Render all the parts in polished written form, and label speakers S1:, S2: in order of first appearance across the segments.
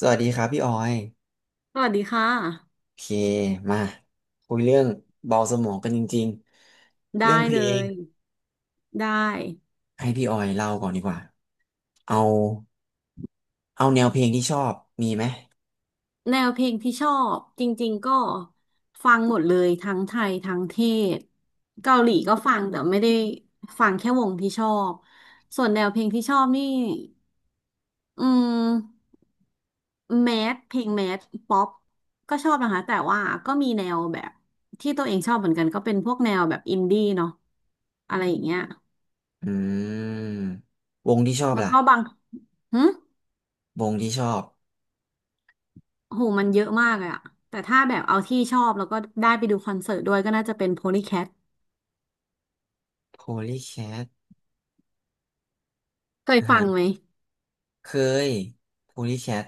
S1: สวัสดีครับพี่ออย
S2: สวัสดีค่ะ
S1: โอเคมาคุยเรื่องเบาสมองกันจริงๆ
S2: ได้
S1: เรื่องเพ
S2: เล
S1: ลง
S2: ยได้
S1: ให้พี่ออยเล่าก่อนดีกว่าเอาเอาแนวเพลงที่ชอบมีไหม
S2: แนวเพลงที่ชอบจริงๆก็ฟังหมดเลยทั้งไทยทั้งเทศเกาหลีก็ฟังแต่ไม่ได้ฟังแค่วงที่ชอบส่วนแนวเพลงที่ชอบนี่อืมแมสเพลงแมสป๊อปก็ชอบนะคะแต่ว่าก็มีแนวแบบที่ตัวเองชอบเหมือนกันก็เป็นพวกแนวแบบอินดี้เนาะอะไรอย่างเงี้ย
S1: อืมวงที่ชอบ
S2: แล้ว
S1: ล่ะ
S2: ก็บางหึ
S1: วงที่ชอบ
S2: โหมันเยอะมากเลยอะแต่ถ้าแบบเอาที่ชอบแล้วก็ได้ไปดูคอนเสิร์ตด้วยก็น่าจะเป็น Polycat
S1: Polycat
S2: เคย
S1: อ่า
S2: ฟังไห
S1: ฮะ
S2: ม
S1: เคย Polycat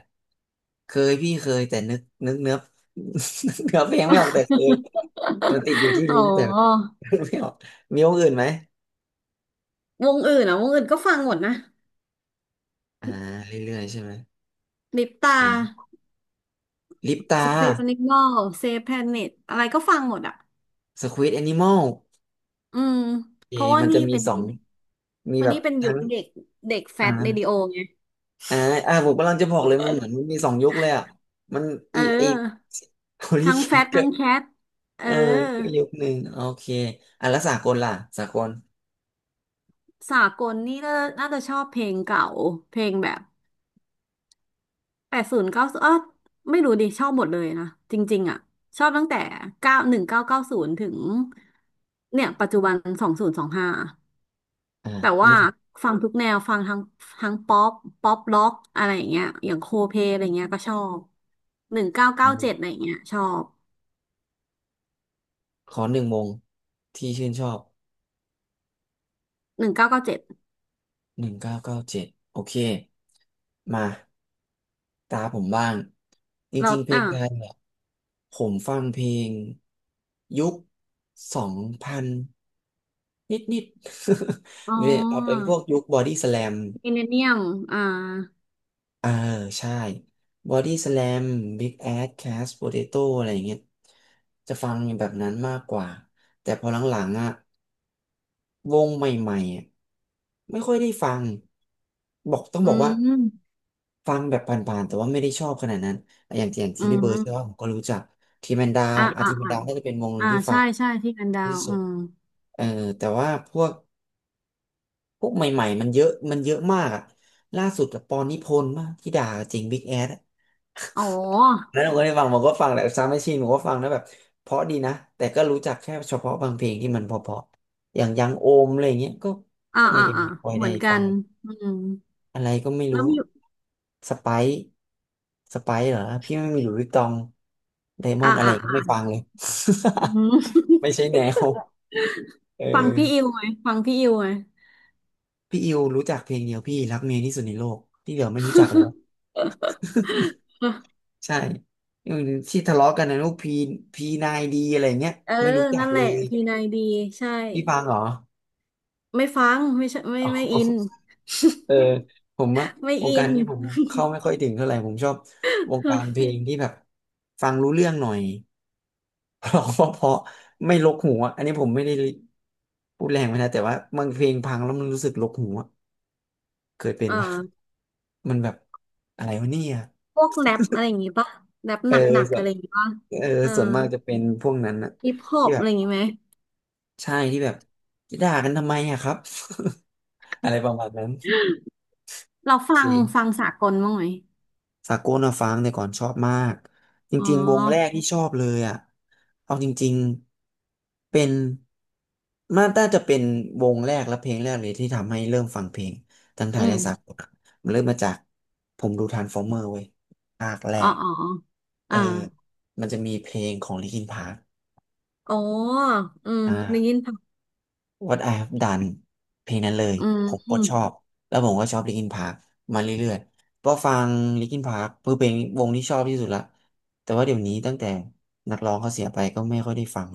S1: เคยพี่เคยแต่นึกเนื้อ นึกเนื้อเพลงไม่ออกแต่เคยมันติดอยู่ที่
S2: อ๋
S1: ลิ้นแต่
S2: อ
S1: นึกไม่ออกมีวงอื่นไหม
S2: วงอื่นอ่ะ วงอื่นก็ฟังหมดนะ
S1: อ่าเรื่อยๆใช่ไหม
S2: ลิป
S1: โอเค
S2: ตา
S1: ลิปตา
S2: Squid Animal Save Planet อะไรก็ฟังหมดอ่ะ
S1: สควิดแอนิมอล
S2: อืม
S1: เอ
S2: เพราะว่า
S1: มันจะ
S2: นี่
S1: มี
S2: เป็น
S1: สองมี
S2: เพราะ
S1: แบบ
S2: นี่เป็นยุ
S1: ทั้
S2: ค
S1: ง
S2: เด็กเด็กแฟ
S1: อ
S2: ตเรดิโอ
S1: ่า
S2: ไง
S1: อ่าอ่าผมกำลังจะบอกเลยมันเหมือนมันมีสองยุคเลยอ่ะ มัน
S2: เ
S1: อีไอ
S2: ออ
S1: โฮลี่
S2: ทั้ง
S1: แค
S2: แฟ
S1: ท
S2: ต
S1: ก็
S2: ทั้งแคทเออ
S1: เออก็ยุคหนึ่ง โอเค อ่ะแล้วสากลล่ะสากล
S2: สากลนี่น่าจะชอบเพลงเก่าเพลงแบบ 80เก้าเอ้อไม่รู้ดิชอบหมดเลยนะจริงๆอ่ะชอบตั้งแต่1990ถึงเนี่ยปัจจุบัน2025
S1: อ่า
S2: แต่
S1: งั้
S2: ว่า
S1: น
S2: ฟังทุกแนวฟังทั้งป๊อปล็อกอะไรอย่างเงี้ยอย่างโคเพอะไรเงี้ยก็ชอบหนึ่งเก้า
S1: ข
S2: เก้าเจ็ด
S1: อ
S2: อะไรเงี้ยชอบ
S1: ขอหนึ่งวงที่ชื่นชอบ
S2: หนึ่งเก้าเก้าเจ็ด
S1: 1997โอเค มาตาผมบ้างจ
S2: เรา
S1: ริงๆเพลง
S2: อ่ะ
S1: ไทยเนี่ย ผมฟังเพลงยุคสองพัน นิดนิด
S2: อ๋อ
S1: เนีย เอาเป็นพวกยุคบอดี้สแลม
S2: มิเลเนียมอ่า
S1: เออใช่บอดี้สแลมบิ๊กแอดแคสโปเตโต้อะไรอย่างเงี้ยจะฟังแบบนั้นมากกว่าแต่พอหลังๆอ่ะวงใหม่ๆอะไม่ค่อยได้ฟังบอกต้อง
S2: อื
S1: บอกว่า
S2: ม
S1: ฟังแบบผ่านๆแต่ว่าไม่ได้ชอบขนาดนั้นอย่างอย่าง
S2: อื
S1: ทีพี่เบอร์ดใช่ไหม
S2: ม
S1: ผมก็รู้จักทีแมนดาว
S2: อ่า
S1: อา
S2: อ่า
S1: ทีแมน
S2: อ่า
S1: ดาวน่าจะเป็นวงหนึ่
S2: อ่า
S1: งที่ฟั
S2: ใช่
S1: ง
S2: ใช่ที่กันดา
S1: ที่
S2: ว
S1: สุ
S2: อื
S1: ด
S2: ม
S1: เออแต่ว่าพวก พวกใหม่ๆมันเยอะมากอะล่าสุดอะปอนนิพนธ์มากที่ด่าเจริงบิ๊กแอด
S2: อ๋อ
S1: แล้วผมก็ได้ฟังผมก็ฟังแหละซาวด์แมชชีนผมก็ฟังนะแบบเพราะดีนะแต่ก็รู้จักแค่เฉพาะบางเพลงที่มันเพราะๆอย่างยังโอมอะไรเงี้ยก็
S2: อ่า
S1: ไม่
S2: อ่าอ่า
S1: ค่อย
S2: เหมื
S1: ได้
S2: อนกั
S1: ฟั
S2: น
S1: ง
S2: อืม
S1: อะไรก็ไม่
S2: แล้
S1: รู้
S2: วมีอยู่
S1: สไปซ์สไปซ์เหรอพี่ไม่มีหลุยส์วิตตองไดมอ
S2: อ่า
S1: นด์อะไร
S2: อ่า
S1: ก็
S2: อ่า
S1: ไม่ฟังเลย
S2: อืม
S1: ไม่ใช่แนวเ
S2: ฟังพี่อิ
S1: ออ
S2: วไหมฟังพี่อิวไหม
S1: พี่อิวรู้จักเพลงเดียวพี่รักเมียที่สุดในโลกที่เหลือไม่รู้จักแล้ว ใช่อืมที่ทะเลาะกันนะลูกพีพีนายดีอะไรเงี้ย
S2: เออ
S1: ไม่รู้จัก
S2: นั่นแห
S1: เล
S2: ละ
S1: ย
S2: พีนายดีใช่
S1: พี่ฟังเหรอ
S2: ไม่ฟังไม่ใช่ไม่
S1: อ๋อ
S2: อิน
S1: เอ อผมว่า
S2: ไม่
S1: วง
S2: อิ
S1: การ
S2: น
S1: ที่ผมเข้าไม่ค่อยถึงเท่าไหร่ผมชอบวงการเพ ลงที่แบบฟังรู้เรื่องหน่อย เพราเพราะไม่รกหูอะอันนี้ผมไม่ได้พูดแรงไปนะแต่ว่าบางเพลงพังแล้วมันรู้สึกรกหูอะเคยเป็น
S2: เอ่อ
S1: ว่ามันแบบอะไรวะเนี่ย
S2: พวกแรปอะไรอย่างงี้ป่ะแรป
S1: เอ
S2: ห
S1: อ
S2: นัก
S1: ส่
S2: ๆ
S1: ว
S2: อะ
S1: น
S2: ไรอย่างงี้ป่ะ
S1: เออ
S2: เออ
S1: ส่วนมากจะเป็นพวกนั้นนะ
S2: ฮิปฮอ
S1: ที่
S2: ป
S1: แบ
S2: อะไร
S1: บ
S2: อย่างงี้ไหม
S1: ใช่ที่แบบจะด่ากันทำไมอะครับ อะไรประมาณนั้น
S2: เรา
S1: โอเค
S2: ฟังฟังสากลบ้างไหม
S1: สากลนะฟังแต่ก่อนชอบมากจ
S2: อ๋
S1: ริงๆวงแรก
S2: อ
S1: ที่ชอบเลยอะเอาจริงๆเป็นมันน่าจะเป็นวงแรกและเพลงแรกเลยที่ทำให้เริ่มฟังเพลงทั้งไท
S2: อื
S1: ย
S2: ม
S1: และสากลอะมันเริ่มมาจากผมดูทรานส์ฟอร์เมอร์เว้ยภาคแร
S2: อ๋อ
S1: ก
S2: อ๋ออ๋อ
S1: เอ
S2: อ่า
S1: อมันจะมีเพลงของลินคินพาร์ค
S2: อ๋ออืม
S1: อ่า
S2: ได้ยินป่ะ
S1: What I Have Done เพลงนั้นเลย
S2: อื
S1: ผมโคตรชอ
S2: ม
S1: บแล้วผมก็ชอบลิ n ินพาร์คมาเรื่อยๆก็ฟังลิ n ินพาร์คเพื่อเป็นวงที่ชอบที่สุดละแต่ว่าเดี๋ยวนี้ตั้งแต่นักร้องเขาเสียไปก็ไม่ค่อยได้ฟัง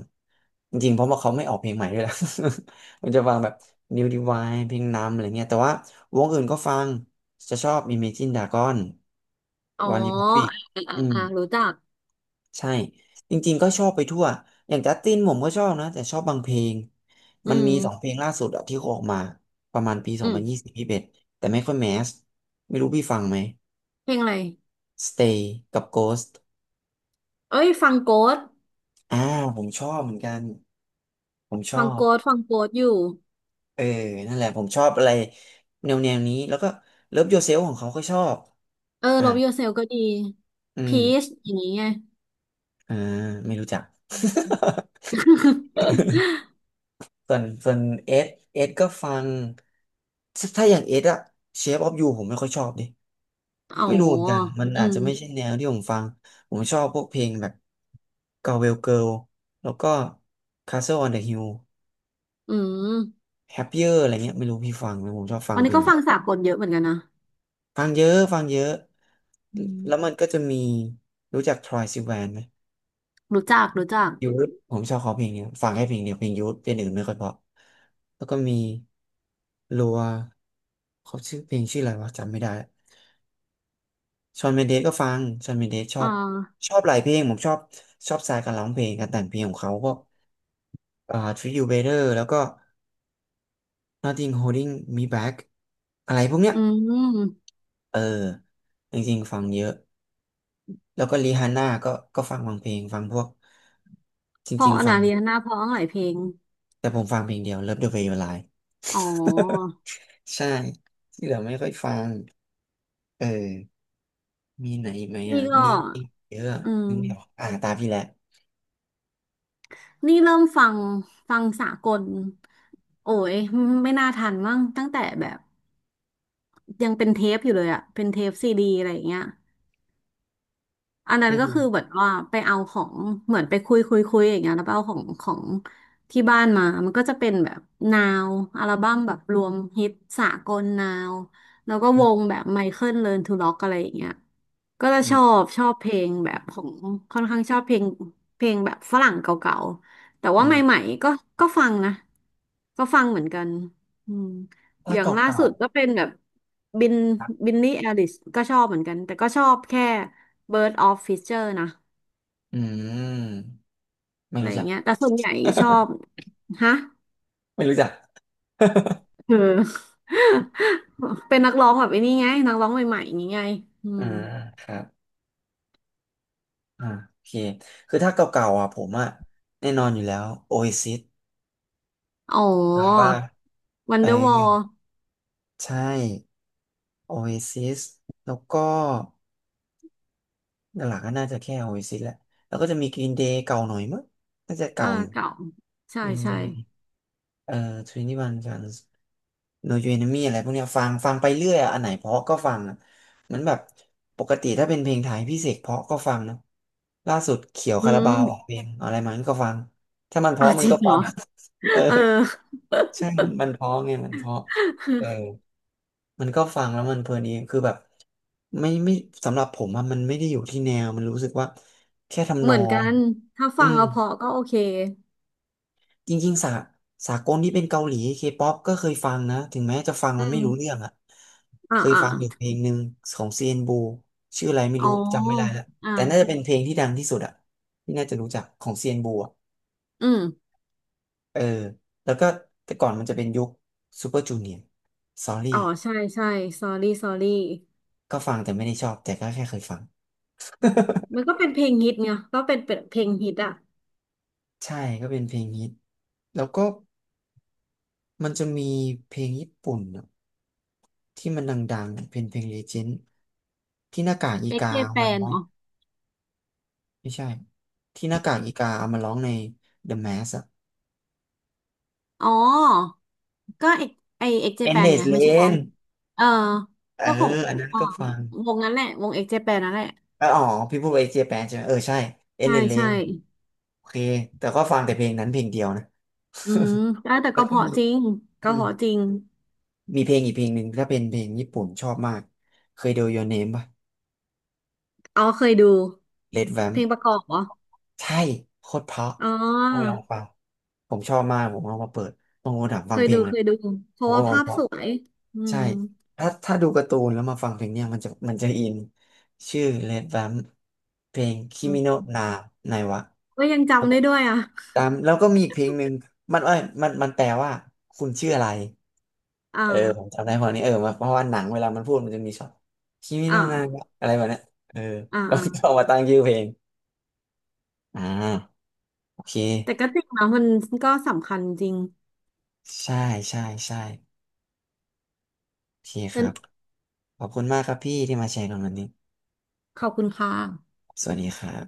S1: จริงๆเพราะว่าเขาไม่ออกเพลงใหม่ด้วยล่ะ ผมจะฟังแบบ New Divine เพลงนำอะไรเงี้ยแต่ว่าวงอื่นก็ฟังจะชอบ Imagine Dragon
S2: อ๋อ
S1: One Republic
S2: อ่าอ่า
S1: อืม
S2: อ่ารู้จัก
S1: ใช่จริงๆก็ชอบไปทั่วอย่างจัสตินผมก็ชอบนะแต่ชอบบางเพลง
S2: อื
S1: มัน
S2: ม
S1: มีสองเพลงล่าสุดอะที่เขาออกมาประมาณปีส
S2: อื
S1: อง
S2: ม
S1: พันยี่สิบยี่สิบเอ็ดแต่ไม่ค่อยแมสไม่รู้พี่ฟังไหม
S2: เพลงอะไร
S1: Stay กับ Ghost
S2: เอ้ยส
S1: อ่าผมชอบเหมือนกันผมชอบ
S2: ฟังโกสอยู่
S1: เออนั่นแหละผมชอบอะไรแนวนี้แล้วก็ Love Yourself ของเขาก็ชอบ
S2: เออ
S1: อ่า
S2: Love Yourself ก็ดี
S1: อืม
S2: Peace อย่างนี้ไง
S1: อ่าไม่รู้จัก
S2: อม
S1: ส่วนเอสเอสก็ฟังถ้าอย่างเอสอะเชฟออฟยูผมไม่ค่อยชอบดิ
S2: อ๋อ
S1: ไม่รู้เหมือนกันมัน
S2: อื
S1: อาจ
S2: ม
S1: จะไม่ใช่แนวที่ผมฟังผมชอบพวกเพลงแบบ Galway Girl แล้วก็ Castle on the Hill
S2: อืม
S1: Happier อะไรเงี้ยไม่รู้พี่ฟังไหมผมชอบฟัง
S2: อัน
S1: เพ
S2: นี้
S1: ลง
S2: ก็
S1: แบ
S2: ฟั
S1: บ
S2: งสากลเยอะเหมือนกันนะ
S1: ฟังเยอะ
S2: อืม
S1: แล้วมันก็จะมีรู้จัก Troye Sivan ไหม
S2: รู้จักรู้จัก
S1: ยูทผมชอบเขาเพลงเนี้ยฟังแค่เพลงเดียวเพลงยูทเพลงอื่นไม่ค่อยเพราะแล้วก็มีรัวเขาชื่อเพลงชื่ออะไรวะจำไม่ได้ชอนเมนเดสก็ฟังชอนเมนเดสชอ
S2: อ่
S1: บ
S2: า
S1: ชอบหลายเพลงผมชอบชอบสไตล์การร้องเพลงการแต่งเพลงของเขาพวก็อ่า Treat You Better แล้วก็ Nothing Holding Me Back อะไรพวกเนี้ย
S2: อืม
S1: เออจริงๆฟังเยอะแล้วก็รีฮานน่าก็ฟังบางเพลงฟังพวกจ
S2: เพ
S1: ริ
S2: ราะ
S1: ง
S2: อ
S1: ๆฟั
S2: นา
S1: ง
S2: เรียนาเพราะหลายเพลง
S1: แต่ผมฟังเพลงเดียว Love the Way You Lie
S2: อ๋อ
S1: ใช่ที่เหลือไม่ค่อยฟังเออมีไหนอีกไหมอ่ะ
S2: นี่ก็
S1: มีอีกเยอะ
S2: อื
S1: นึ
S2: ม
S1: กไม่ออกอ่าตามพี่แหละ
S2: นี่เริ่มฟังฟังสากล โอ้ยไม่น่าทันมั้งตั้งแต่แบบยังเป็นเทปอยู่เลยอะเป็นเทปซีดีอะไรอย่างเงี้ย อันนั้
S1: เรี
S2: น
S1: ยก
S2: ก็
S1: พี่
S2: คือเหมือนว่าไปเอาของเหมือนไปคุยคุยอย่างเงี้ยแล้วไปเอาของของที่บ้านมา มันก็จะเป็นแบบนาวอัลบั้มแบบรวมฮิตสากลนาวแล้วก็
S1: อื
S2: ว
S1: ม
S2: งแบบไมเคิลเลิร์นทูร็อกอะไรอย่างเงี้ยก็จะ
S1: อืม
S2: ชอบเพลงแบบของค่อนข้างชอบเพลงเพลงแบบฝรั่งเก่าๆแต่
S1: อื
S2: ว่าให
S1: ม
S2: ม่ๆก็ก็ฟังนะก็ฟังเหมือนกันอืม อ
S1: ถ้า
S2: ย่างล่า
S1: เก่า
S2: สุดก็เป็นแบบบิน
S1: ๆครับ
S2: บินนี่แอลิสก็ชอบเหมือนกันแต่ก็ชอบแค่ Bird of Feather นะ
S1: อืมไม่
S2: อะไร
S1: รู้
S2: อย่า
S1: จั
S2: ง
S1: ก
S2: เงี้ ยแต่ส่วนใหญ่ชอบฮะ
S1: ไม่รู้จัก
S2: เออ เป็นนักร้องแบบไอ้นี่ไงนักร้องใหม่ๆอย่างงี้ไงอื
S1: อ่า
S2: ม
S1: ครับอ่าโอเคคือถ้าเก่าๆอ่ะผมอ่ะแน่นอนอยู่แล้ว Oasis
S2: อ๋อ
S1: ถามว่าเออ
S2: Wonderwall
S1: ใช่ Oasis แล้วก็หลักๆก็น่าจะแค่ Oasis แหละแล้วก็จะมี Green Day เก่าหน่อยมั้งน่าจะ
S2: อ่า
S1: เก่าอยู่
S2: เก่าใช่
S1: วิน
S2: ใช่
S1: เดย์เอ่อทเวนตี้วันกันโนยูเอนมี่อะไรพวกเนี้ยฟัง ฟังไปเรื่อยอะอันไหนเพราะก็ฟังอะเหมือนแบบปกติถ้าเป็นเพลงไทยพี่เสกเพราะก็ฟังนะล่าสุดเขียว
S2: อื
S1: คาราบาวออก
S2: ม
S1: เพลงอะไรมาันก็ฟัง ถ้ามันเพ
S2: อ้า
S1: ราะ
S2: ว
S1: มั
S2: จ
S1: น
S2: ริ
S1: ก็
S2: งเห
S1: ฟั
S2: รอ
S1: ง เออ
S2: เออ
S1: ใช่มันเพราะไงมันเพราะเออมันก็ฟังแล้วมันเพลินดีคือแบบไม่สำหรับผมอะมันไม่ได้อยู่ที่แนวมันรู้สึกว่าแค่ทำน
S2: เห
S1: อ
S2: มือนกั
S1: ง
S2: นถ้า
S1: อื
S2: ฟัง
S1: ม
S2: เอาเพอก็โอเค
S1: จริงๆ สากลที่เป็นเกาหลีเคป๊อปก็เคยฟังนะ ถึงแม้จะฟัง
S2: อื
S1: มันไม่
S2: ม
S1: รู้เรื่องอะ
S2: อ่า
S1: เคย
S2: อ่า
S1: ฟังอยู่เพลงหนึ่งของเซียนบูชื่ออะไรไม่
S2: อ๋อ
S1: รู้จำไม่ได้ละ
S2: อ่า
S1: แต่น่าจะเป็นเพลงที่ดังที่สุดอะที่น่าจะรู้จักของเซียนบูอะ
S2: อืม
S1: เออแล้วก็แต่ก่อนมันจะเป็นยุคซูเปอร์จูเนียร์ซอรี่
S2: อ๋อใช่ใช่ sorry sorry
S1: ก็ฟังแต่ไม่ได้ชอบแต่ก็แค่เคยฟัง
S2: อืมมันก็เป็นเพลงฮิตไงก็เป็นเพลงฮิตอ่ะ
S1: ใช่ ก็เป็นเพลงฮิตแล้วก็มันจะมีเพลงญี่ปุ่นอะที่มันดังๆน่ะเป็นเพลงเลเจนด์ที่หน้ากากอี
S2: เอ็ก
S1: กา
S2: เจ
S1: เอา
S2: แป
S1: มาร้
S2: น
S1: อง
S2: อ๋อ
S1: ไม่ใช่ที่หน้ากากอีกาเอามาร้องใน The Mask อะ
S2: อ๋อ ก็เอกไอเอ็กเจแปนไง
S1: Endless
S2: ไม่ใช่หรอ
S1: Lane
S2: เออ
S1: เออ
S2: ก็ของ
S1: อันนั้น
S2: อ๋อ
S1: ก็ฟัง
S2: วงนั้นแหละวงเอ็กเจแปนนั่นแหละ
S1: เอออ๋อพี่พูดไปเจแปนใช่ไหมเออใช่
S2: ใช่
S1: Endless
S2: ใช่
S1: Lane โอเคแต่ก็ฟังแต่เพลงนั้นเพลงเดียวนะ
S2: อืมแล้วแต่
S1: แล้
S2: ก็
S1: ว
S2: เพ
S1: ก็
S2: ราะ
S1: มี
S2: จริง
S1: อื
S2: ก็เพ
S1: ม
S2: ราะจริง
S1: มีเพลงอีกเพลงหนึ่งถ้าเป็นเพลงญี่ปุ่นชอบมากเคยดู Your Name ป่ะ
S2: อ๋อเคยดู
S1: Red
S2: เพล
S1: Vamp
S2: งประกอบเหรอ
S1: ใช่โคตรเพราะ
S2: อ๋
S1: ต้องไปลอ
S2: อ
S1: งฟังผมชอบมากผมเอามาเปิดบางคนถามฟังเพลงเล
S2: เค
S1: ย
S2: ยดูเพ
S1: ผม
S2: ราะ
S1: ก็
S2: ว่า
S1: บอก
S2: ภาพ
S1: ว่า
S2: สวยอื
S1: ใช่
S2: ม
S1: ถ้าดูการ์ตูนแล้วมาฟังเพลงเนี่ยมันจะอินชื่อ Red Vamp เพลง
S2: อื
S1: Kimi no
S2: ม
S1: Na ไนวะ
S2: ก็ยังจำได้ด้วยอ่ะ
S1: ตามแล้วก็มีอีกเพลงหนึ่งมันเอ้ยมันแปลว่าคุณชื่ออะไร
S2: อ่า
S1: เออผมจำได้พอนี้เออมเพราะว่าหนังเวลามันพูดมันจะมีช็อตคิมิโน
S2: อ่า
S1: นาอะไรแบบเนี้ยเออ
S2: อ่า
S1: แล้วก็
S2: อ
S1: เอามาตั้งชื่อเพลงอ่าโอเค
S2: แต่ก็จริงนะมันก็สำคัญจริง
S1: ใช่ใช่ใช่โอเคค
S2: เป็น
S1: รับขอบคุณมากครับพี่ที่มาแชร์กันวันนี้
S2: ขอบคุณค่ะ
S1: สวัสดีครับ